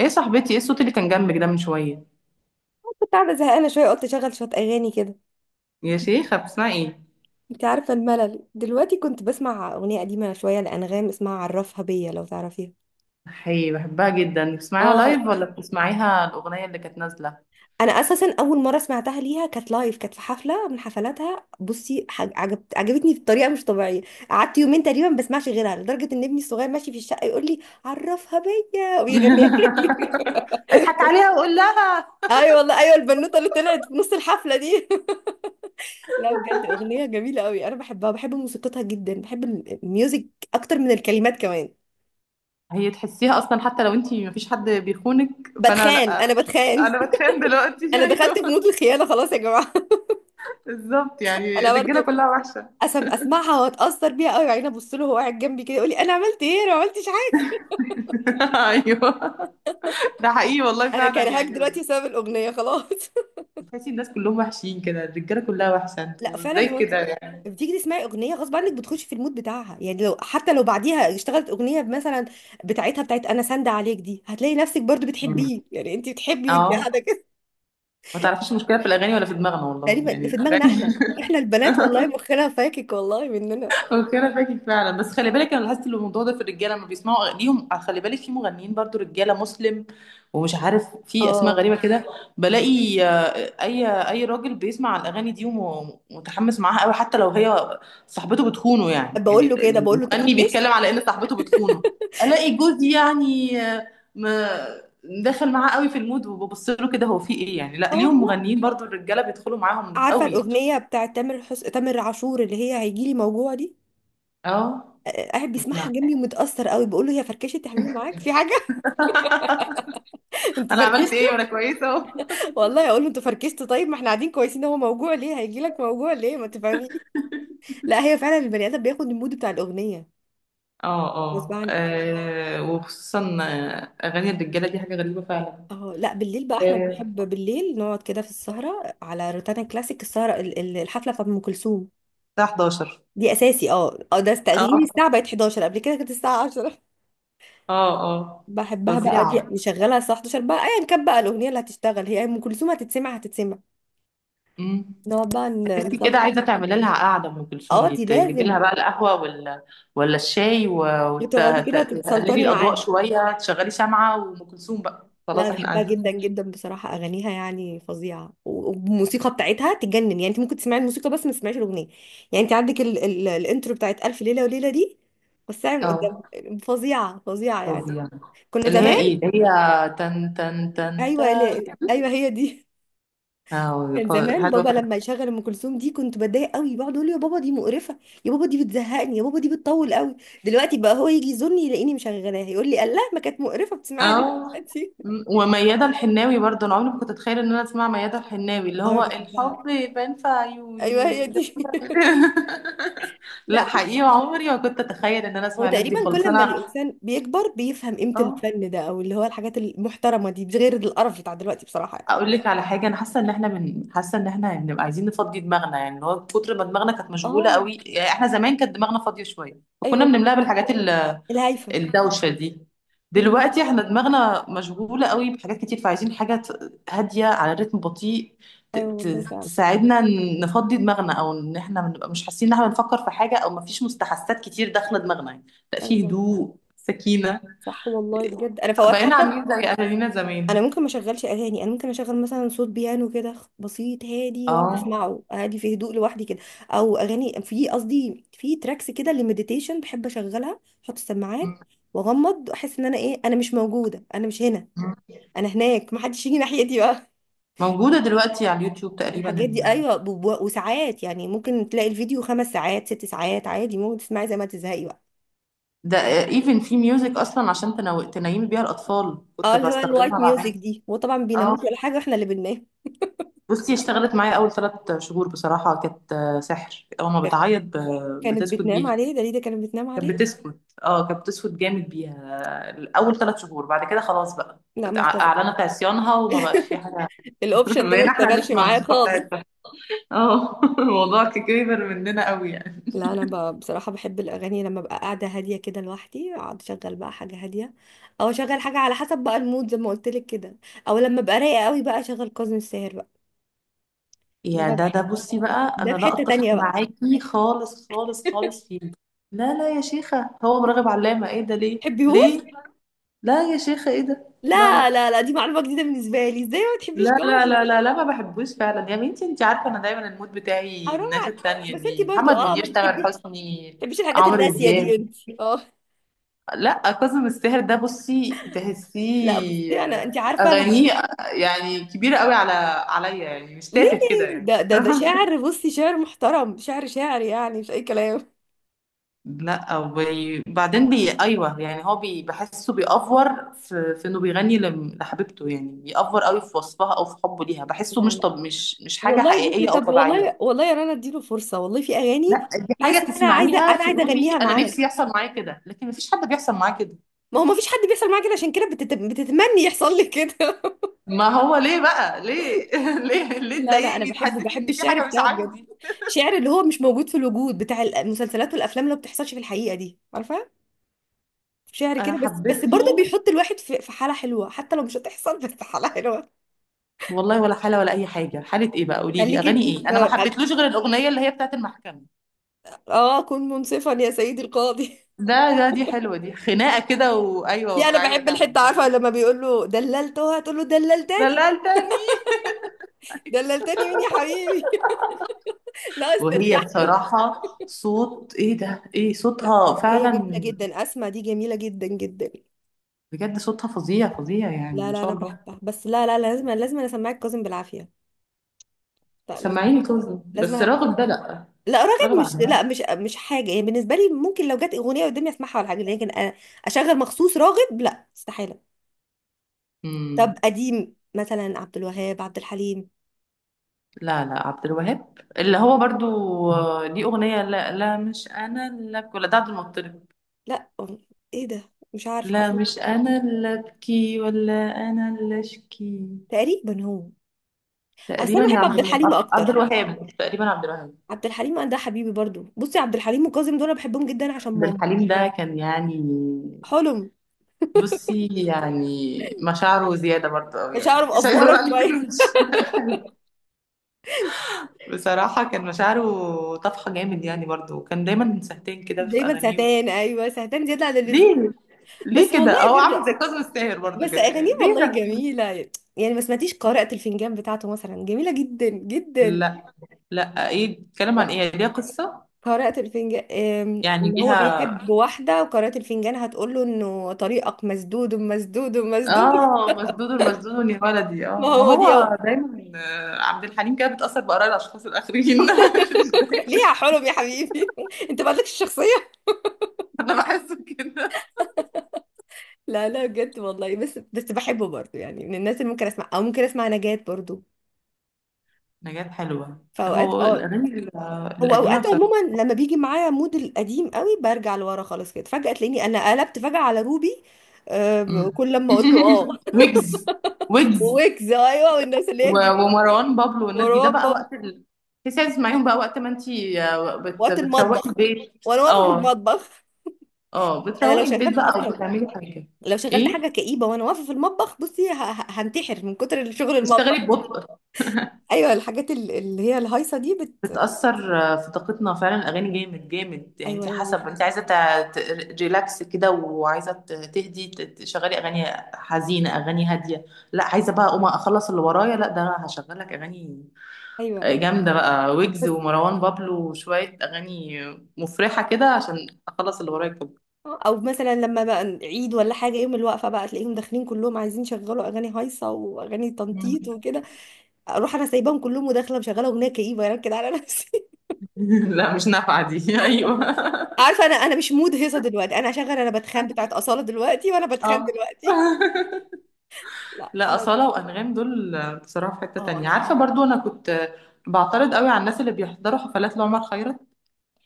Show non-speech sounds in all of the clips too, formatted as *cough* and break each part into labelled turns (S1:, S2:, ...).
S1: ايه صاحبتي، ايه الصوت اللي كان جنبك ده من شوية؟
S2: كنت قاعدة زهقانة شوية، قلت أشغل شوية أغاني كده.
S1: يا شيخة، بتسمعي ايه؟
S2: أنت عارفة الملل دلوقتي، كنت بسمع أغنية قديمة شوية لأنغام اسمها عرفها بيا، لو تعرفيها.
S1: حي، بحبها جدا. بتسمعيها
S2: اه،
S1: لايف ولا بتسمعيها الأغنية اللي كانت نازلة؟
S2: أنا أساسا أول مرة سمعتها ليها كانت لايف، كانت في حفلة من حفلاتها. بصي عجبتني بطريقة مش طبيعية. قعدت يومين تقريبا ما بسمعش غيرها، لدرجة إن ابني الصغير ماشي في الشقة يقول لي عرفها بيا ويغنيها
S1: *laughs*
S2: لي. *laughs*
S1: اضحك عليها وقول لها.
S2: أيوة والله، أيوة البنوتة اللي طلعت في نص الحفلة دي. *laughs* لا بجد، أغنية جميلة قوي، أنا بحبها، بحب موسيقتها جدا، بحب الميوزك أكتر من الكلمات كمان.
S1: هي تحسيها اصلا حتى لو انتي مفيش حد بيخونك، فانا
S2: بتخان، انا
S1: لا،
S2: بتخان.
S1: انا
S2: *laughs*
S1: بتخان دلوقتي.
S2: انا
S1: *laughs*
S2: دخلت في
S1: ايوه،
S2: مود الخيانه خلاص يا جماعه.
S1: بالظبط.
S2: *laughs*
S1: يعني
S2: انا
S1: الرجاله
S2: برضو
S1: كلها وحشه.
S2: اسمعها واتاثر بيها قوي، وبعدين ابص له وهو قاعد جنبي كده يقول لي انا عملت ايه؟ انا ما عملتش حاجه.
S1: *laughs* ايوه، ده حقيقي والله،
S2: انا
S1: فعلا
S2: كرهاك
S1: يعني.
S2: دلوقتي بسبب الاغنيه خلاص.
S1: بتحسي الناس كلهم وحشين كده، الرجاله كلها وحشه،
S2: *laughs* لا
S1: انتوا ازاي
S2: فعلا، هو انت
S1: كده يعني؟
S2: بتيجي تسمعي اغنيه غصب عنك، بتخشي في المود بتاعها. يعني لو حتى لو بعديها اشتغلت اغنيه مثلا بتاعتها، بتاعت انا ساندة عليك دي، هتلاقي نفسك برضو بتحبيه. يعني انت بتحبي وانت قاعده
S1: اه.
S2: كده.
S1: ما تعرفيش المشكلة في الأغاني ولا في دماغنا، والله
S2: تقريبا
S1: يعني
S2: في دماغنا
S1: الأغاني.
S2: احنا، احنا البنات والله
S1: *laughs*
S2: مخنا فاكك، والله مننا.
S1: اوكي، انا فاكر فعلا، بس خلي بالك انا لاحظت إن الموضوع ده في الرجاله لما بيسمعوا اغانيهم. خلي بالك في مغنيين برضو رجاله، مسلم ومش عارف، في اسماء
S2: اه،
S1: غريبه كده. بلاقي اي راجل بيسمع الاغاني دي ومتحمس معاها قوي، حتى لو هي صاحبته بتخونه. يعني
S2: بقول له كده، بقول له انت
S1: المغني
S2: فركشت.
S1: بيتكلم على ان صاحبته بتخونه. الاقي جوزي يعني، ما دخل معاه قوي في المود وببص له كده، هو في ايه يعني؟ لا
S2: اه
S1: ليهم
S2: والله،
S1: مغنيين برضو الرجاله بيدخلوا معاهم
S2: عارفه
S1: قوي يعني.
S2: الاغنيه بتاعت تامر عاشور اللي هي هيجيلي موجوع دي؟
S1: اه،
S2: قاعد بيسمعها
S1: لا.
S2: جنبي ومتاثر قوي، بقول له هي فركشت يا حبيبي، معاك في حاجه؟
S1: *laughs*
S2: *laughs* انتوا
S1: انا عملت ايه وانا
S2: فركشتوا.
S1: كويسه اهو.
S2: والله اقول له انتوا فركشتوا، طيب ما احنا قاعدين كويسين، هو موجوع ليه؟ هيجي لك موجوع ليه؟ ما تفهميش. لا هي فعلا البني ادم بياخد المود بتاع الاغنيه
S1: اه
S2: غصب
S1: اه،
S2: عني.
S1: وخصوصا اغاني الرجاله دي حاجه غريبه فعلا.
S2: اه لا بالليل بقى احنا بنحب
S1: آه،
S2: بالليل نقعد كده في السهره، على روتانا كلاسيك، السهره الحفله بتاعت ام كلثوم
S1: الساعه 11.
S2: دي اساسي. اه اه، ده تغيير،
S1: اه
S2: الساعه بقت 11، قبل كده كانت الساعه عشرة.
S1: اه اه،
S2: بحبها بقى دي،
S1: فظيعه.
S2: نشغلها الساعة 11 بقى، ايا كان بقى الأغنية اللي هتشتغل، هي أم كلثوم هتتسمع هتتسمع.
S1: امم
S2: نقعد بقى
S1: تحسي كده
S2: نسلطن.
S1: عايزه تعملي لها قعده ام كلثوم
S2: اه
S1: دي،
S2: دي
S1: تجيبي
S2: لازم.
S1: لها بقى القهوه ولا الشاي،
S2: بتقعدي كده
S1: وتقللي
S2: تتسلطني
S1: الاضواء
S2: معاها.
S1: شويه، تشغلي شمعه، وام كلثوم بقى،
S2: لا أنا
S1: خلاص احنا
S2: بحبها
S1: قاعدين.
S2: جدا جدا بصراحة، أغانيها يعني فظيعة، والموسيقى بتاعتها تجنن. يعني أنت ممكن تسمعي الموسيقى بس ما تسمعيش الأغنية. يعني أنت عندك ال ال الإنترو بتاعت ألف ليلة وليلة دي بس من قدام،
S1: اه
S2: فظيعة فظيعة يعني.
S1: فظيعه.
S2: كنا
S1: اللي هي
S2: زمان،
S1: ايه؟ اللي هي تن تن تن
S2: أيوه
S1: تن.
S2: لا- أيوه هي دي. كان زمان
S1: حاجه.
S2: بابا *laughs* لما يشغل ام كلثوم دي كنت بتضايق قوي، بقعد اقول له يا بابا دي مقرفه، يا بابا دي بتزهقني، يا بابا دي بتطول قوي. دلوقتي بقى هو يجي يزورني يلاقيني مشغلاها يقول لي الله، ما كانت مقرفه، بتسمعها ليه
S1: اه.
S2: دلوقتي؟
S1: وميادة الحناوي برضه، انا عمري ما كنت اتخيل ان انا اسمع ميادة الحناوي، اللي
S2: *laughs* اه
S1: هو
S2: بحبها.
S1: الحب يبان في عيوني
S2: ايوه
S1: و-
S2: هي دي. *laughs*
S1: *laughs* لا
S2: لا بس،
S1: حقيقي، عمري ما كنت اتخيل ان انا
S2: هو
S1: اسمع الناس دي
S2: تقريبا
S1: خالص
S2: كل ما
S1: انا.
S2: الانسان بيكبر بيفهم قيمه
S1: اه.
S2: الفن ده، او اللي هو الحاجات المحترمه دي، غير القرف بتاع دلوقتي بصراحه يعني.
S1: اقول لك على حاجه، انا حاسه ان احنا حاسه ان احنا يعني بنبقى عايزين نفضي دماغنا. يعني اللي هو كتر ما دماغنا كانت مشغوله قوي،
S2: اه،
S1: يعني احنا زمان كانت دماغنا فاضيه شويه
S2: ايوه
S1: فكنا
S2: والله،
S1: بنملاها بالحاجات،
S2: الهايفه.
S1: الدوشة دي.
S2: أمم،
S1: دلوقتي احنا دماغنا مشغولة قوي بحاجات كتير، فعايزين حاجة هادية، على رتم بطيء،
S2: ايوه والله فعلا.
S1: تساعدنا نفضي دماغنا، او ان احنا بنبقى مش حاسين ان احنا بنفكر في حاجة، او مفيش مستحسات كتير داخلة دماغنا يعني. لا، في
S2: ايوه
S1: هدوء، سكينة.
S2: صح والله بجد، انا فوات
S1: بقينا
S2: حتى.
S1: عاملين زي اهالينا زمان.
S2: انا ممكن ما اشغلش اغاني، انا ممكن اشغل مثلا صوت بيانو كده بسيط هادي، واقعد
S1: اه.
S2: اسمعه هادي في هدوء لوحدي كده. او اغاني، في قصدي في تراكس كده للمديتيشن، بحب اشغلها، احط السماعات
S1: م-
S2: واغمض، احس ان انا ايه، انا مش موجوده، انا مش هنا،
S1: م.
S2: انا هناك، ما حدش يجي ناحيتي بقى.
S1: موجودة دلوقتي على اليوتيوب تقريبا
S2: الحاجات دي
S1: ال...
S2: ايوه، وساعات يعني ممكن تلاقي الفيديو خمس ساعات ست ساعات عادي، ممكن تسمعي زي ما تزهقي بقى.
S1: ده ايفن في ميوزك اصلا، عشان تنيمي بيها الاطفال،
S2: اه
S1: كنت
S2: اللي هو الوايت
S1: بستخدمها مع
S2: ميوزك
S1: بنتي.
S2: دي، وطبعا بيناموش
S1: اه
S2: ولا حاجه، واحنا اللي بننام.
S1: بصي، اشتغلت معايا اول ثلاث شهور بصراحه، كانت سحر. اول ما
S2: كانت
S1: بتعيط،
S2: كانت
S1: بتسكت
S2: بتنام
S1: بيها.
S2: عليه دليده، كانت بتنام
S1: كانت
S2: عليه.
S1: بتسكت. اه كانت بتسكت جامد بيها. اول ثلاث شهور، بعد كده خلاص بقى،
S2: لا ما اشتغل،
S1: اعلنت عصيانها وما بقاش في حاجه. *laughs*
S2: الاوبشن ده ما *laughs*
S1: بقينا احنا
S2: اشتغلش
S1: نسمع
S2: معايا
S1: الموسيقى
S2: خالص.
S1: بتاعتها. اه. *laughs* الموضوع كبر مننا قوي يعني.
S2: لا بصراحه بحب الاغاني لما ابقى قاعده هاديه كده لوحدي، اقعد اشغل بقى حاجه هاديه، او اشغل حاجه على حسب بقى المود زي ما قلت لك كده. او لما ابقى رايقه قوي بقى اشغل كاظم الساهر بقى. ده
S1: يا
S2: بقى
S1: ده،
S2: بحبه،
S1: بصي بقى،
S2: ده
S1: انا
S2: في
S1: لا
S2: حته تانية
S1: اتفق
S2: بقى.
S1: معاكي خالص خالص
S2: *laughs*
S1: خالص فيه. لا لا يا شيخه، هو مراغب علامه؟ ايه ده، ليه
S2: تحبيهوش؟
S1: ليه؟ لا يا شيخه، ايه ده؟ لا
S2: لا
S1: لا
S2: لا لا، دي معلومه جديده بالنسبه لي، ازاي ما تحبيش
S1: لا لا
S2: كاظم؟
S1: لا لا لا، ما بحبوش فعلا يا بنتي. انت عارفه انا دايما المود بتاعي
S2: حرام
S1: الناس
S2: عليك.
S1: التانية
S2: بس انت
S1: دي:
S2: برضو
S1: محمد
S2: اه
S1: منير،
S2: ما
S1: تامر
S2: بتحبيش، ما
S1: حسني،
S2: بتحبيش الحاجات
S1: عمرو
S2: الراسيه دي
S1: دياب.
S2: انت، اه.
S1: لا كاظم الساهر ده بصي
S2: لا بصي
S1: تحسيه،
S2: انا، انت عارفه انا بحب.
S1: اغانيه يعني كبيره قوي عليا، يعني مش
S2: ليه؟
S1: تافه كده يعني.
S2: ده
S1: *laughs*
S2: شاعر، بصي شاعر محترم، شاعر شاعر يعني، مش اي كلام.
S1: لا وبعدين ايوه يعني، هو بحسه بيأفور في، في انه بيغني لحبيبته، يعني بيأفور قوي في وصفها او في حبه ليها. بحسه
S2: لا
S1: مش،
S2: لا
S1: طب مش حاجه
S2: والله، بصي
S1: حقيقيه او
S2: طب والله،
S1: طبيعيه.
S2: والله يا رنا اديله فرصه، والله في اغاني
S1: لا دي
S2: بحس
S1: حاجة
S2: ان انا عايزه،
S1: تسمعيها
S2: انا عايزه
S1: تقولي
S2: اغنيها
S1: أنا
S2: معاه.
S1: نفسي يحصل معايا كده، لكن مفيش حد بيحصل معاه كده.
S2: ما هو ما فيش حد بيحصل معاه كده، عشان كده بتتمني يحصل لي كده.
S1: ما هو ليه بقى، ليه؟ *laughs* ليه
S2: *laughs*
S1: ليه
S2: لا لا انا
S1: تضايقني،
S2: بحبه،
S1: تحسسني إن
S2: بحب
S1: في
S2: الشعر
S1: حاجة مش
S2: بتاعه بجد،
S1: عندي؟
S2: شعر اللي هو مش موجود في الوجود، بتاع المسلسلات والافلام اللي ما بتحصلش في الحقيقه دي، عارفه. شعر كده
S1: أنا
S2: بس، بس
S1: حبيت
S2: برضه
S1: له
S2: بيحط الواحد في في حاله حلوه، حتى لو مش هتحصل بس حاله حلوه.
S1: والله ولا حالة، ولا أي حاجة، حالة إيه بقى؟ قولي لي
S2: خليك انت
S1: أغاني إيه؟ أنا ما
S2: في،
S1: حبيتلوش غير الأغنية اللي هي بتاعت المحكمة.
S2: اه كن منصفا يا سيدي القاضي. *laughs*
S1: ده ده دي حلوة، دي خناقة كده، وأيوة
S2: دي انا
S1: واقعية
S2: بحب
S1: فعلا.
S2: الحته، عارفه لما بيقول له دللتها، تقول له دللت،
S1: دللتني. *laughs*
S2: دللتني مين يا حبيبي؟ *laughs* ناقص
S1: وهي
S2: تردح له.
S1: بصراحة صوت، إيه ده، إيه
S2: لا
S1: صوتها
S2: هي جميله
S1: فعلا؟
S2: جدا، اسماء دي جميله جدا جدا.
S1: بجد صوتها فظيع فظيع يعني،
S2: لا
S1: ما
S2: لا
S1: شاء
S2: انا
S1: الله.
S2: بحبها بس، لا لا لا، لازم لازم انا اسمعك كاظم بالعافيه، لا لازم
S1: سمعيني كاظم
S2: لازم
S1: بس،
S2: أنا...
S1: راغب ده لأ.
S2: لا راغب
S1: راغب عبد
S2: مش،
S1: الوهاب.
S2: لا مش مش حاجه يعني بالنسبه لي، ممكن لو جت اغنيه قدامي اسمعها ولا حاجه، لكن اشغل مخصوص راغب؟ لا استحاله. طب
S1: امم
S2: قديم مثلا، عبد الوهاب، عبد الحليم؟
S1: لا لا، عبد الوهاب اللي هو برضو، ليه أغنية لا لا مش أنا اللي أبكي ولا؟ ده عبد المطلب؟
S2: لا ايه ده، مش عارف
S1: لا،
S2: حاسه،
S1: مش أنا اللي أبكي ولا أنا اللي أشكي.
S2: تقريبا هو. اصل
S1: تقريبا
S2: انا
S1: يا
S2: بحب عبد الحليم
S1: عبد
S2: اكتر،
S1: عبد الوهاب، تقريبا عبد الوهاب.
S2: عبد الحليم ده حبيبي برضو. بصي عبد الحليم وكاظم دول أنا بحبهم جدا عشان
S1: عبد
S2: ماما.
S1: الحليم ده كان يعني،
S2: حلم،
S1: بصي يعني مشاعره زيادة برضه أوي،
S2: مش
S1: يعني
S2: هعرف
S1: مش عايزة أقول
S2: افورك
S1: عليه كده،
S2: شويه.
S1: مش *laughs* بصراحة كان مشاعره طفحة جامد يعني برضو، وكان دايما سهتين
S2: *laughs*
S1: كده في
S2: دايما
S1: أغانيه.
S2: سهتان، ايوه سهتان زياده عن اللزوم.
S1: ليه؟ ليه
S2: بس والله
S1: كده، هو عامل
S2: برضه،
S1: زي كاظم الساهر برضو
S2: بس
S1: كده
S2: اغانيه
S1: يعني؟ ليه
S2: والله
S1: ده؟
S2: جميله. يعني ما سمعتيش قارئة الفنجان بتاعته مثلا؟ جميله جدا جدا.
S1: لا لا، ايه بتتكلم عن
S2: لا،
S1: ايه، يعني ليها قصة؟
S2: قارئة الفنجان
S1: يعني
S2: ان هو
S1: ليها.
S2: بيحب واحده، وقارئة الفنجان هتقول له انه طريقك مسدود مسدود مسدود. *laughs*
S1: اه مسدود، المسدود يا ولدي.
S2: ما
S1: اه، ما
S2: هو دي أهو.
S1: هو دايما عبد الحليم كده بتأثر بآراء الأشخاص الآخرين. *laughs* مش
S2: ليه
S1: دايما.
S2: يا حلم يا حبيبي؟ *laughs* انت مالكش الشخصيه.
S1: أنا بحسه كده.
S2: لا لا بجد والله، بس بس بحبه برضه، يعني من الناس اللي ممكن اسمع، او ممكن اسمع نجاة برضه.
S1: نجاة حلوة،
S2: فاوقات
S1: هو
S2: اه،
S1: الأغاني
S2: هو
S1: القديمة
S2: اوقات
S1: بصراحة.
S2: عموما لما بيجي معايا مود القديم قوي برجع لورا خالص كده، فجأة تلاقيني انا قلبت فجأة على روبي.
S1: مم.
S2: كل لما اقول له اه،
S1: *laughs* ويجز. ويجز
S2: ويجز، ايوه والناس اللي هي الجديدة،
S1: ومروان بابلو والناس دي، ده
S2: مروان
S1: بقى
S2: بابا،
S1: وقت. تحسي عايز تسمعيهم بقى وقت ما انتي
S2: وقت
S1: بتروقي
S2: المطبخ
S1: البيت.
S2: وانا واقفة في
S1: اه
S2: المطبخ.
S1: اه،
S2: انا لو
S1: بتروقي البيت
S2: شغلت
S1: بقى او
S2: اصلا،
S1: بتعملي حاجه.
S2: لو شغلت
S1: ايه،
S2: حاجة كئيبة وانا واقفة في المطبخ، بصي هنتحر من كتر شغل المطبخ.
S1: تشتغلي ببطء.
S2: ايوه الحاجات اللي هي الهايصة دي
S1: بتأثر في طاقتنا فعلا الأغاني، جامد جامد يعني.
S2: ايوه
S1: انت
S2: ايوه،
S1: حسب، انت عايزة ريلاكس كده وعايزة تهدي، تشغلي أغاني حزينة، أغاني هادية. لا عايزة بقى أقوم أخلص اللي ورايا، لا ده أنا هشغلك أغاني
S2: ايوه ايوه أيوه.
S1: جامدة بقى، ويجز
S2: بس،
S1: ومروان بابلو وشوية أغاني مفرحة كده، عشان أخلص اللي ورايا كله.
S2: او مثلا لما بقى عيد ولا حاجه، يوم الوقفه بقى تلاقيهم داخلين كلهم عايزين يشغلوا اغاني هايصه واغاني
S1: مم.
S2: تنطيط وكده، اروح انا سايباهم كلهم وداخله مشغله اغنيه كئيبه، يعني كده على نفسي.
S1: *laughs* لا مش نافعة دي. *laughs* أيوه.
S2: *laughs* عارفه انا، انا مش مود هيصه دلوقتي، انا هشغل، انا بتخان بتاعت اصاله دلوقتي، وانا بتخان
S1: اه.
S2: دلوقتي. *laughs*
S1: *laughs*
S2: لا
S1: لا
S2: خلاص.
S1: أصالة وأنغام دول بصراحة في حتة
S2: اه
S1: تانية.
S2: انا
S1: عارفة
S2: بحب.
S1: برضو أنا كنت بعترض قوي على الناس اللي بيحضروا حفلات لعمر خيرت،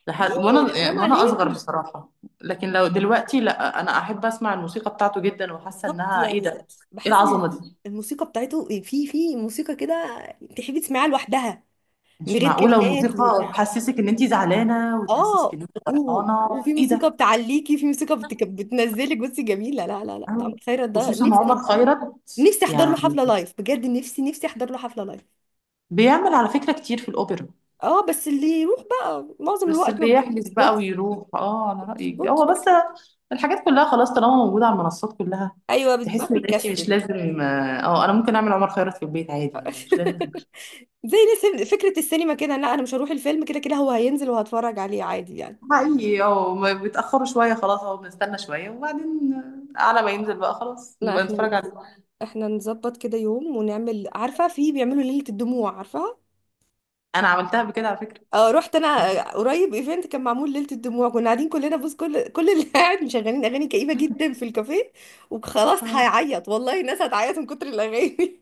S1: لحد
S2: ليه؟ حرام
S1: وأنا أصغر
S2: عليكي.
S1: بصراحة، لكن لو دلوقتي لا، أنا أحب أسمع الموسيقى بتاعته جدا، وحاسة
S2: بالظبط
S1: إنها إيه
S2: يعني،
S1: ده،
S2: ده
S1: إيه
S2: بحس ان
S1: العظمة
S2: الموسيقى،
S1: دي؟
S2: الموسيقى بتاعته، في في موسيقى كده تحبي تسمعيها لوحدها، من
S1: مش
S2: غير
S1: معقولة.
S2: كلمات ومن
S1: والموسيقى
S2: غير،
S1: تحسسك ان انت زعلانة، وتحسسك
S2: اه،
S1: ان انت فرحانة،
S2: وفي
S1: ايه
S2: موسيقى
S1: ده؟
S2: بتعليكي، في موسيقى بتنزلك، بصي جميله. لا لا لا، ده عمرو
S1: أو
S2: خيرت ده،
S1: خصوصا عمر
S2: نفسي
S1: خيرت
S2: نفسي احضر له حفله
S1: يعني.
S2: لايف بجد، نفسي نفسي احضر له حفله لايف.
S1: بيعمل على فكرة كتير في الأوبرا،
S2: اه بس اللي يروح بقى معظم
S1: بس
S2: الوقت
S1: اللي
S2: ما
S1: يحجز بقى
S2: بتظبطش،
S1: ويروح. اه، انا
S2: ما
S1: رأيك
S2: بتظبطش.
S1: هو بس، الحاجات كلها خلاص طالما موجودة على المنصات كلها،
S2: ايوه بتبقى
S1: تحس ان انت مش
S2: بيكسل.
S1: لازم. اه، انا ممكن اعمل عمر خيرت في البيت عادي، يعني مش لازم.
S2: *laughs* زي نفس فكره السينما كده، لا انا مش هروح الفيلم، كده كده هو هينزل وهتفرج عليه عادي يعني.
S1: حقيقي. اه، ما بيتأخروا شوية، خلاص اهو بنستنى شوية وبعدين، على ما ينزل بقى خلاص
S2: لا
S1: نبقى
S2: احنا،
S1: نتفرج عليه.
S2: احنا نظبط كده يوم ونعمل، عارفه في بيعملوا ليله الدموع، عارفه.
S1: انا عملتها بكده على فكرة.
S2: اه رحت انا، قريب ايفنت كان معمول ليله الدموع، كنا قاعدين كلنا بص، كل اللي *laughs* قاعد مشغلين اغاني كئيبه جدا في الكافيه، وخلاص هيعيط والله، الناس هتعيط من كتر الاغاني.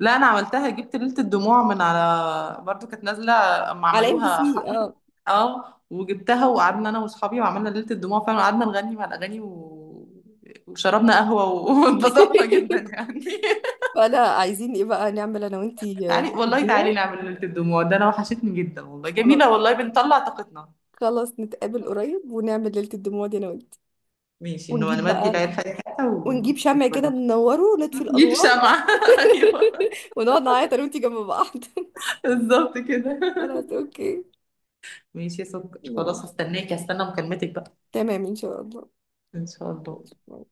S1: لا انا عملتها، جبت ليلة الدموع من على، برضو كانت نازلة اما
S2: *laughs* على ام بي
S1: عملوها
S2: سي
S1: حفلة.
S2: اه.
S1: اه، وجبتها وقعدنا انا واصحابي وعملنا ليلة الدموع فعلا، وقعدنا نغني مع الاغاني، وشربنا قهوة، *laughs* واتبسطنا جدا
S2: *laughs*
S1: يعني.
S2: فانا عايزين ايه بقى نعمل انا
S1: *laughs*
S2: وانتي،
S1: تعالي
S2: ليله
S1: والله، تعالي
S2: الدموع.
S1: نعمل ليلة الدموع، ده انا وحشتني جدا والله،
S2: خلاص،
S1: جميلة والله، بنطلع طاقتنا.
S2: خلاص نتقابل قريب ونعمل ليله الدموع دي انا وانتي،
S1: ماشي، انه
S2: ونجيب
S1: نودي
S2: بقى،
S1: العيال في أي حتة،
S2: ونجيب شمع كده ننوره ونطفي
S1: نجيب
S2: الانوار.
S1: شمعة. *laughs* ايوه،
S2: *laughs* ونقعد نعيط انا وانتي جنب بعض. *laughs*
S1: بالظبط كده.
S2: خلاص اوكي،
S1: *laughs* ماشي يا سكر،
S2: يلا،
S1: خلاص هستنى مكالمتك بقى.
S2: تمام ان شاء الله،
S1: ان شاء الله.
S2: ماشي.